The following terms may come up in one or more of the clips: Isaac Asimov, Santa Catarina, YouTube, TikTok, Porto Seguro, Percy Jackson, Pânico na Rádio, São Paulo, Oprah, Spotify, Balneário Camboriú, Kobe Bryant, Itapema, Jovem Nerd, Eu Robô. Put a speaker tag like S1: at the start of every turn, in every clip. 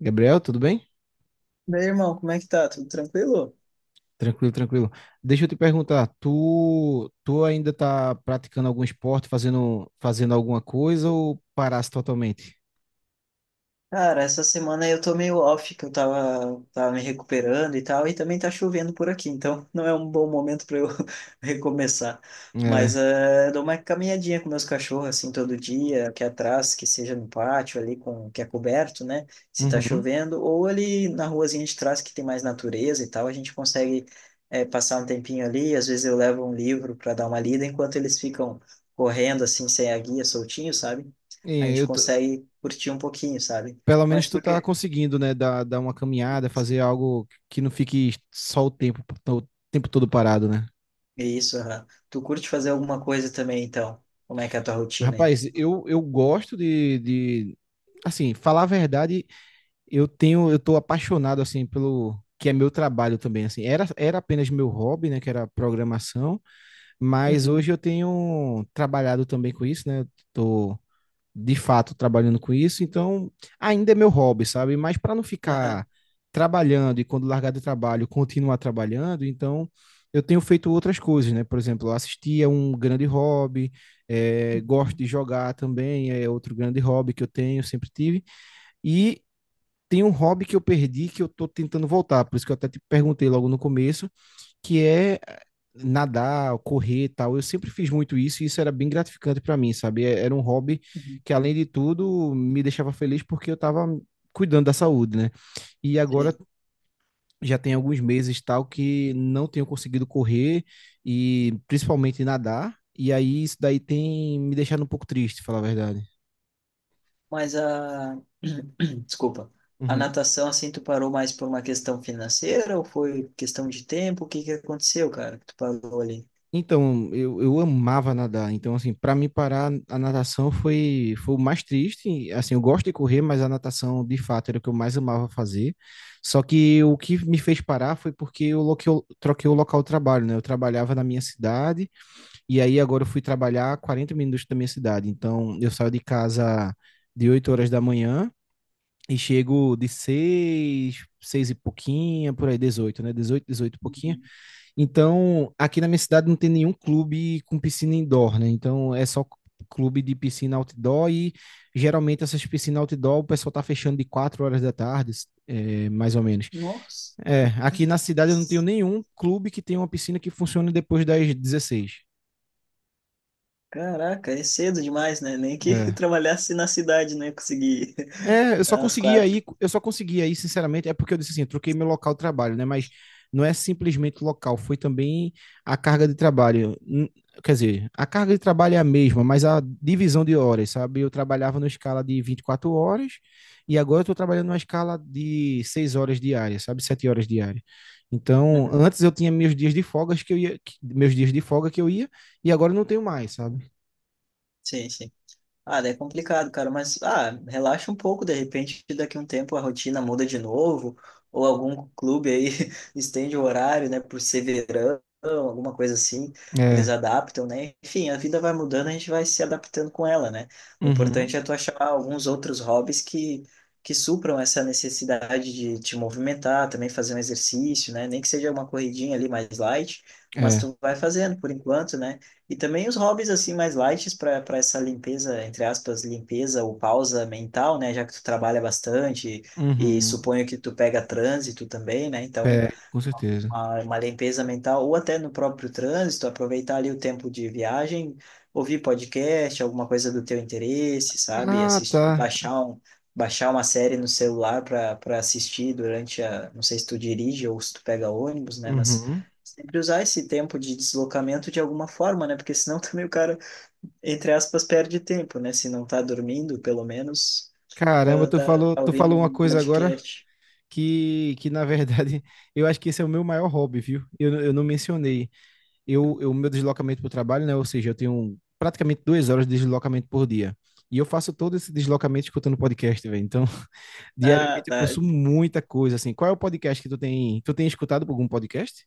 S1: Gabriel, tudo bem?
S2: Meu irmão, como é que tá? Tudo tranquilo?
S1: Tranquilo, tranquilo. Deixa eu te perguntar, tu ainda tá praticando algum esporte, fazendo alguma coisa ou paraste totalmente?
S2: Cara, essa semana eu tô meio off, que eu tava me recuperando e tal, e também tá chovendo por aqui, então não é um bom momento para eu recomeçar. Mas
S1: É.
S2: eu dou uma caminhadinha com meus cachorros, assim, todo dia, aqui atrás, que seja no pátio ali, com, que é coberto, né? Se tá
S1: Uhum.
S2: chovendo, ou ali na ruazinha de trás, que tem mais natureza e tal, a gente consegue passar um tempinho ali, às vezes eu levo um livro para dar uma lida, enquanto eles ficam correndo, assim, sem a guia, soltinho, sabe? A
S1: E
S2: gente
S1: eu tô-
S2: consegue curtir um pouquinho, sabe?
S1: Pelo
S2: Mas
S1: menos tu tá
S2: porque
S1: conseguindo, né, dar uma caminhada, fazer algo que não fique só o tempo todo parado, né?
S2: isso, aham. Tu curte fazer alguma coisa também, então? Como é que é a tua rotina aí?
S1: Rapaz, eu gosto assim, falar a verdade, eu tô apaixonado assim pelo que é meu trabalho também, assim. Era apenas meu hobby, né, que era programação, mas hoje
S2: Uhum,
S1: eu tenho trabalhado também com isso, né? Eu tô de fato trabalhando com isso, então ainda é meu hobby, sabe? Mas para não
S2: aham,
S1: ficar trabalhando e quando largar do trabalho continuar trabalhando, então eu tenho feito outras coisas, né? Por exemplo, eu assisti a um grande hobby, gosto
S2: uhum,
S1: de jogar também, é outro grande hobby que eu tenho, sempre tive. E tem um hobby que eu perdi que eu tô tentando voltar, por isso que eu até te perguntei logo no começo, que é nadar, correr e tal. Eu sempre fiz muito isso e isso era bem gratificante para mim, sabe? Era um hobby
S2: uhum,
S1: que, além de tudo, me deixava feliz porque eu tava cuidando da saúde, né? E agora
S2: sei.
S1: já tem alguns meses tal que não tenho conseguido correr e principalmente nadar. E aí isso daí tem me deixado um pouco triste, falar a verdade.
S2: Mas a... Desculpa. A natação, assim, tu parou mais por uma questão financeira ou foi questão de tempo? O que que aconteceu, cara, que tu parou ali?
S1: Então, eu amava nadar. Então, assim, para mim parar, a natação foi, foi o mais triste. E, assim, eu gosto de correr, mas a natação, de fato, era o que eu mais amava fazer. Só que o que me fez parar foi porque eu troquei o local de trabalho, né? Eu trabalhava na minha cidade e aí agora eu fui trabalhar a 40 minutos da minha cidade. Então, eu saio de casa de 8 horas da manhã e chego de 6 e pouquinha, por aí, 18 né? 18 e pouquinho.
S2: Uhum.
S1: Então, aqui na minha cidade não tem nenhum clube com piscina indoor, né? Então, é só clube de piscina outdoor e geralmente essas piscinas outdoor o pessoal tá fechando de 4 horas da tarde, é, mais ou menos.
S2: Nossa.
S1: É, aqui na cidade eu não tenho nenhum clube que tenha uma piscina que funcione depois das 16.
S2: Caraca, é cedo demais, né? Nem que
S1: É.
S2: trabalhasse na cidade, né? Consegui
S1: É,
S2: às quatro.
S1: eu só consegui aí, sinceramente, é porque eu disse assim, eu troquei meu local de trabalho, né? Mas não é simplesmente local, foi também a carga de trabalho. Quer dizer, a carga de trabalho é a mesma, mas a divisão de horas, sabe? Eu trabalhava numa escala de 24 horas e agora eu tô trabalhando numa escala de 6 horas diárias, sabe? 7 horas diárias. Então,
S2: Uhum.
S1: antes eu tinha meus dias de folga que eu ia, que- meus dias de folga que eu ia, e agora eu não tenho mais, sabe?
S2: Sim, sim. Ah, daí é complicado, cara, mas ah, relaxa um pouco, de repente daqui a um tempo a rotina muda de novo, ou algum clube aí estende o horário, né, por ser verão, alguma coisa assim, eles
S1: É.
S2: adaptam, né? Enfim, a vida vai mudando, a gente vai se adaptando com ela, né? O
S1: Uhum.
S2: importante é tu achar alguns outros hobbies que supram essa necessidade de te movimentar, também fazer um exercício, né? Nem que seja uma corridinha ali mais light, mas
S1: É.
S2: tu vai fazendo por enquanto, né? E também os hobbies assim mais light para essa limpeza, entre aspas, limpeza ou pausa mental, né? Já que tu trabalha bastante e
S1: Uhum.
S2: suponho que tu pega trânsito também, né? Então
S1: É, com certeza.
S2: uma limpeza mental, ou até no próprio trânsito, aproveitar ali o tempo de viagem, ouvir podcast, alguma coisa do teu interesse, sabe?
S1: Ah,
S2: Assistir,
S1: tá.
S2: baixar uma série no celular para assistir durante a, não sei se tu dirige ou se tu pega ônibus, né? Mas
S1: Uhum.
S2: sempre usar esse tempo de deslocamento de alguma forma, né? Porque senão também o cara, entre aspas, perde tempo, né? Se não tá dormindo, pelo menos,
S1: Caramba,
S2: ah, tá, tá
S1: tu
S2: ouvindo
S1: falou uma
S2: um
S1: coisa agora
S2: podcast.
S1: que na verdade, eu acho que esse é o meu maior hobby, viu? Eu não mencionei. Eu meu deslocamento para o trabalho, né? Ou seja, eu tenho praticamente 2 horas de deslocamento por dia. E eu faço todo esse deslocamento escutando podcast, velho. Então,
S2: Ah,
S1: diariamente eu
S2: tá.
S1: consumo muita coisa, assim. Qual é o podcast que tu tem? Tu tem escutado algum podcast?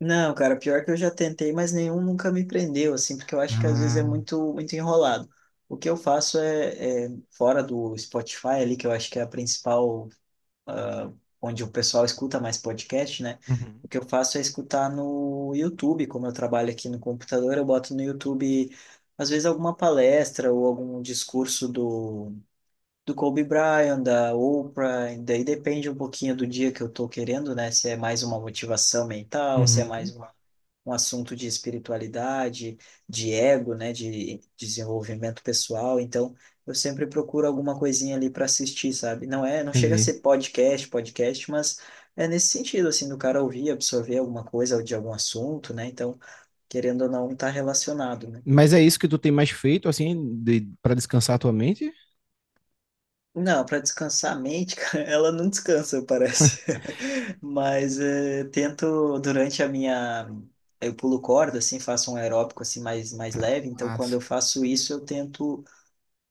S2: Não, cara, pior que eu já tentei, mas nenhum nunca me prendeu, assim, porque eu acho que às vezes é
S1: Ah,
S2: muito enrolado. O que eu faço é fora do Spotify ali, que eu acho que é a principal, ah, onde o pessoal escuta mais podcast, né?
S1: uhum,
S2: O que eu faço é escutar no YouTube, como eu trabalho aqui no computador, eu boto no YouTube, às vezes, alguma palestra ou algum do Kobe Bryant, da Oprah, e daí depende um pouquinho do dia que eu tô querendo, né? Se é mais uma motivação mental, se é mais
S1: uhum,
S2: uma um assunto de espiritualidade, de ego, né, de desenvolvimento pessoal. Então, eu sempre procuro alguma coisinha ali para assistir, sabe? Não é, não chega a
S1: entendi.
S2: ser podcast, mas é nesse sentido assim do cara ouvir, absorver alguma coisa de algum assunto, né? Então, querendo ou não, tá relacionado, né?
S1: Mas é isso que tu tem mais feito, assim, de, para descansar a tua mente?
S2: Não, para descansar a mente, cara, ela não descansa, parece. Mas tento durante a minha eu pulo corda, assim, faço um aeróbico assim mais
S1: Ah,
S2: leve. Então, quando
S1: massa.
S2: eu faço isso, eu tento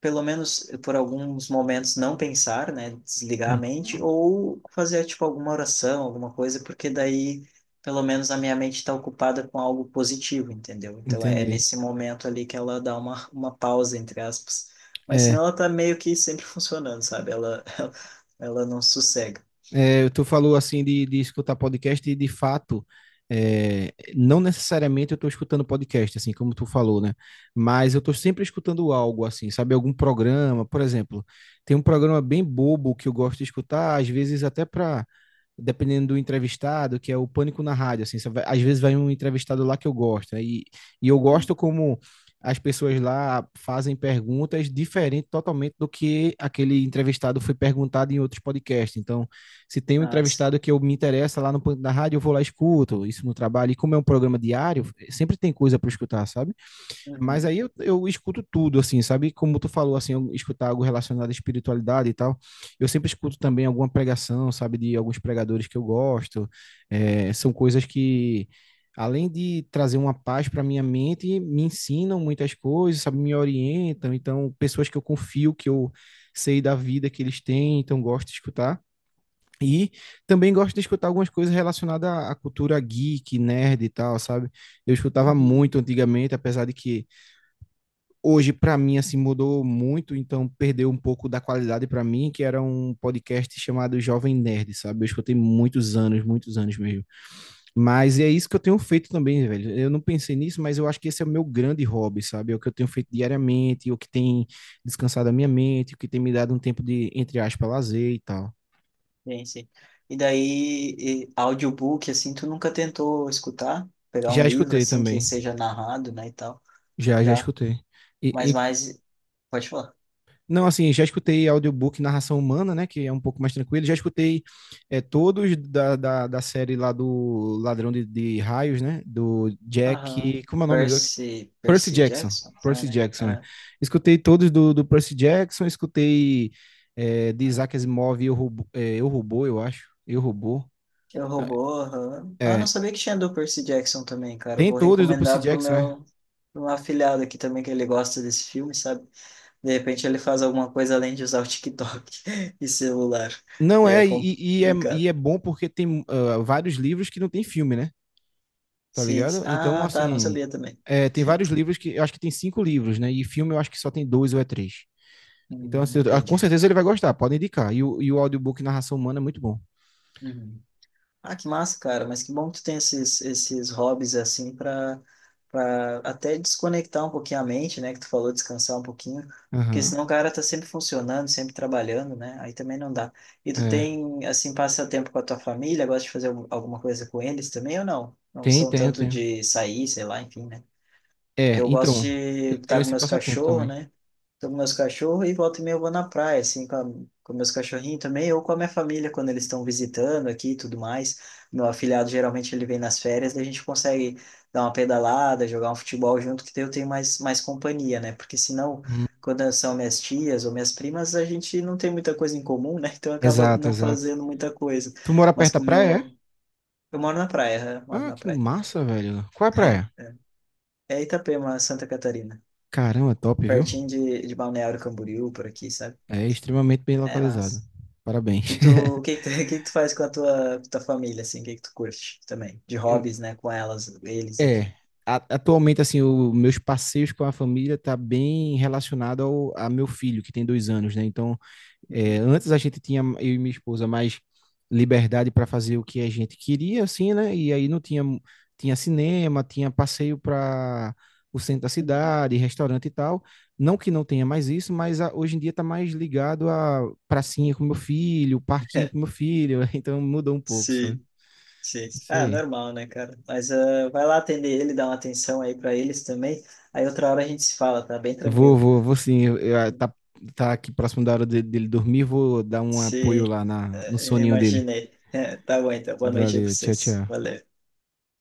S2: pelo menos por alguns momentos não pensar, né, desligar a mente
S1: Uhum,
S2: ou fazer tipo alguma oração, alguma coisa, porque daí pelo menos a minha mente está ocupada com algo positivo, entendeu? Então é
S1: entendi.
S2: nesse momento ali que ela dá uma pausa, entre aspas. Mas
S1: É,
S2: senão ela tá meio que sempre funcionando, sabe? Ela, ela não sossega.
S1: é, tu falou assim de escutar podcast e de fato, é, não necessariamente eu estou escutando podcast, assim como tu falou, né? Mas eu estou sempre escutando algo assim, sabe? Algum programa, por exemplo, tem um programa bem bobo que eu gosto de escutar, às vezes até para dependendo do entrevistado, que é o pânico na rádio, assim, vai, às vezes vai um entrevistado lá que eu gosto, né? E, e eu
S2: Uhum.
S1: gosto como as pessoas lá fazem perguntas diferentes totalmente do que aquele entrevistado foi perguntado em outros podcasts. Então, se tem um
S2: Ah, sim.
S1: entrevistado que eu me interessa lá no Pânico da Rádio, eu vou lá e escuto isso no trabalho. E como é um programa diário, sempre tem coisa para escutar, sabe? Mas
S2: Uhum.
S1: aí eu escuto tudo, assim, sabe? Como tu falou, assim, eu escutar algo relacionado à espiritualidade e tal. Eu sempre escuto também alguma pregação, sabe? De alguns pregadores que eu gosto. É, são coisas que, além de trazer uma paz para minha mente, me ensinam muitas coisas, sabe? Me orientam. Então, pessoas que eu confio, que eu sei da vida que eles têm, então gosto de escutar. E também gosto de escutar algumas coisas relacionadas à cultura geek, nerd e tal, sabe? Eu escutava
S2: Uhum.
S1: muito antigamente, apesar de que hoje para mim assim mudou muito, então perdeu um pouco da qualidade para mim, que era um podcast chamado Jovem Nerd, sabe? Eu escutei muitos anos mesmo. Mas é isso que eu tenho feito também, velho. Eu não pensei nisso, mas eu acho que esse é o meu grande hobby, sabe? É o que eu tenho feito diariamente, o que tem descansado a minha mente, o que tem me dado um tempo de, entre aspas, lazer e tal.
S2: Sim, sim. E daí, e audiobook, assim, tu nunca tentou escutar? Pegar um
S1: Já
S2: livro,
S1: escutei
S2: assim, que
S1: também.
S2: seja narrado, né, e tal?
S1: Já
S2: Já.
S1: escutei.
S2: Mas
S1: E,
S2: mais. Pode falar.
S1: não, assim, já escutei audiobook Narração Humana, né? Que é um pouco mais tranquilo. Já escutei é, todos da série lá do Ladrão de Raios, né? Do Jack.
S2: Aham.
S1: Como é o nome?
S2: Percy.
S1: Percy
S2: Percy
S1: Jackson.
S2: Jackson? Ah,
S1: Percy
S2: né?
S1: Jackson, né?
S2: Ah.
S1: Escutei todos do Percy Jackson, escutei é, de Isaac Asimov, Eu Robô, é, Eu Robô, eu acho. Eu Robô.
S2: Eu roubou, aham. Ah, não
S1: É,
S2: sabia que tinha do Percy Jackson também, cara. Eu
S1: tem
S2: vou
S1: todos do Percy
S2: recomendar
S1: Jackson, né?
S2: pro meu afilhado aqui também, que ele gosta desse filme, sabe? De repente ele faz alguma coisa além de usar o TikTok e celular.
S1: Não
S2: E é
S1: é,
S2: complicado.
S1: e é bom porque tem vários livros que não tem filme, né? Tá
S2: Sim.
S1: ligado? Então,
S2: Ah, tá. Não
S1: assim,
S2: sabia também.
S1: é, tem vários livros que eu acho que tem cinco livros, né? E filme eu acho que só tem dois ou é três. Então, assim, com
S2: Entendi.
S1: certeza ele vai gostar, pode indicar. E o audiobook Narração Humana é muito bom.
S2: Uhum. Ah, que massa, cara. Mas que bom que tu tem esses hobbies assim para até desconectar um pouquinho a mente, né? Que tu falou, descansar um pouquinho. Porque
S1: Aham.
S2: senão o cara tá sempre funcionando, sempre trabalhando, né? Aí também não dá. E tu
S1: É.
S2: tem, assim, passa tempo com a tua família, gosta de fazer alguma coisa com eles também ou não? Não
S1: Tem,
S2: são
S1: tem, eu
S2: tanto
S1: tenho.
S2: de sair, sei lá, enfim, né? Que
S1: É,
S2: eu gosto
S1: então, eu
S2: de
S1: tenho
S2: estar com
S1: esse
S2: meus
S1: passatempo
S2: cachorros,
S1: também.
S2: né? Tô com meus cachorros e volta e meia eu vou na praia, assim, com meus cachorrinhos também, ou com a minha família, quando eles estão visitando aqui e tudo mais. Meu afilhado, geralmente, ele vem nas férias, daí a gente consegue dar uma pedalada, jogar um futebol junto, que daí eu tenho mais companhia, né? Porque senão,
S1: Hum.
S2: quando são minhas tias ou minhas primas, a gente não tem muita coisa em comum, né? Então acaba
S1: Exato,
S2: não
S1: exato.
S2: fazendo muita coisa.
S1: Tu mora
S2: Mas
S1: perto da
S2: como
S1: praia, é?
S2: eu... Eu moro na praia, né? Moro
S1: Ah,
S2: na
S1: que
S2: praia.
S1: massa, velho. Qual é a praia?
S2: É É Itapema, Santa Catarina.
S1: Caramba, top, viu?
S2: Pertinho de Balneário Camboriú, por aqui, sabe?
S1: É extremamente bem
S2: É
S1: localizado.
S2: massa. E
S1: Parabéns.
S2: tu, o que que tu, o que que tu faz com a tua família, assim? O que que tu curte também? De hobbies, né? Com elas, eles,
S1: É,
S2: enfim.
S1: a- atualmente, assim, os meus passeios com a família tá bem relacionado ao a meu filho, que tem 2 anos, né? Então, é,
S2: Uhum,
S1: antes a gente tinha, eu e minha esposa, mais liberdade para fazer o que a gente queria, assim, né? E aí não tinha, tinha cinema, tinha passeio para o centro da
S2: uhum.
S1: cidade, restaurante e tal. Não que não tenha mais isso, mas a- hoje em dia tá mais ligado a pracinha com meu filho, parquinho com meu filho, então mudou um pouco, sabe?
S2: Sim, sim.
S1: Isso
S2: Ah,
S1: aí.
S2: normal, né, cara? Mas ah, vai lá atender ele, dá uma atenção aí pra eles também. Aí outra hora a gente se fala, tá? Bem tranquilo.
S1: Vou sim. Tá, tá aqui próximo da hora dele dormir, vou dar um apoio
S2: Sim,
S1: lá na, no soninho dele.
S2: imaginei. Tá bom, então. Boa noite aí pra
S1: Valeu, tchau,
S2: vocês.
S1: tchau.
S2: Valeu.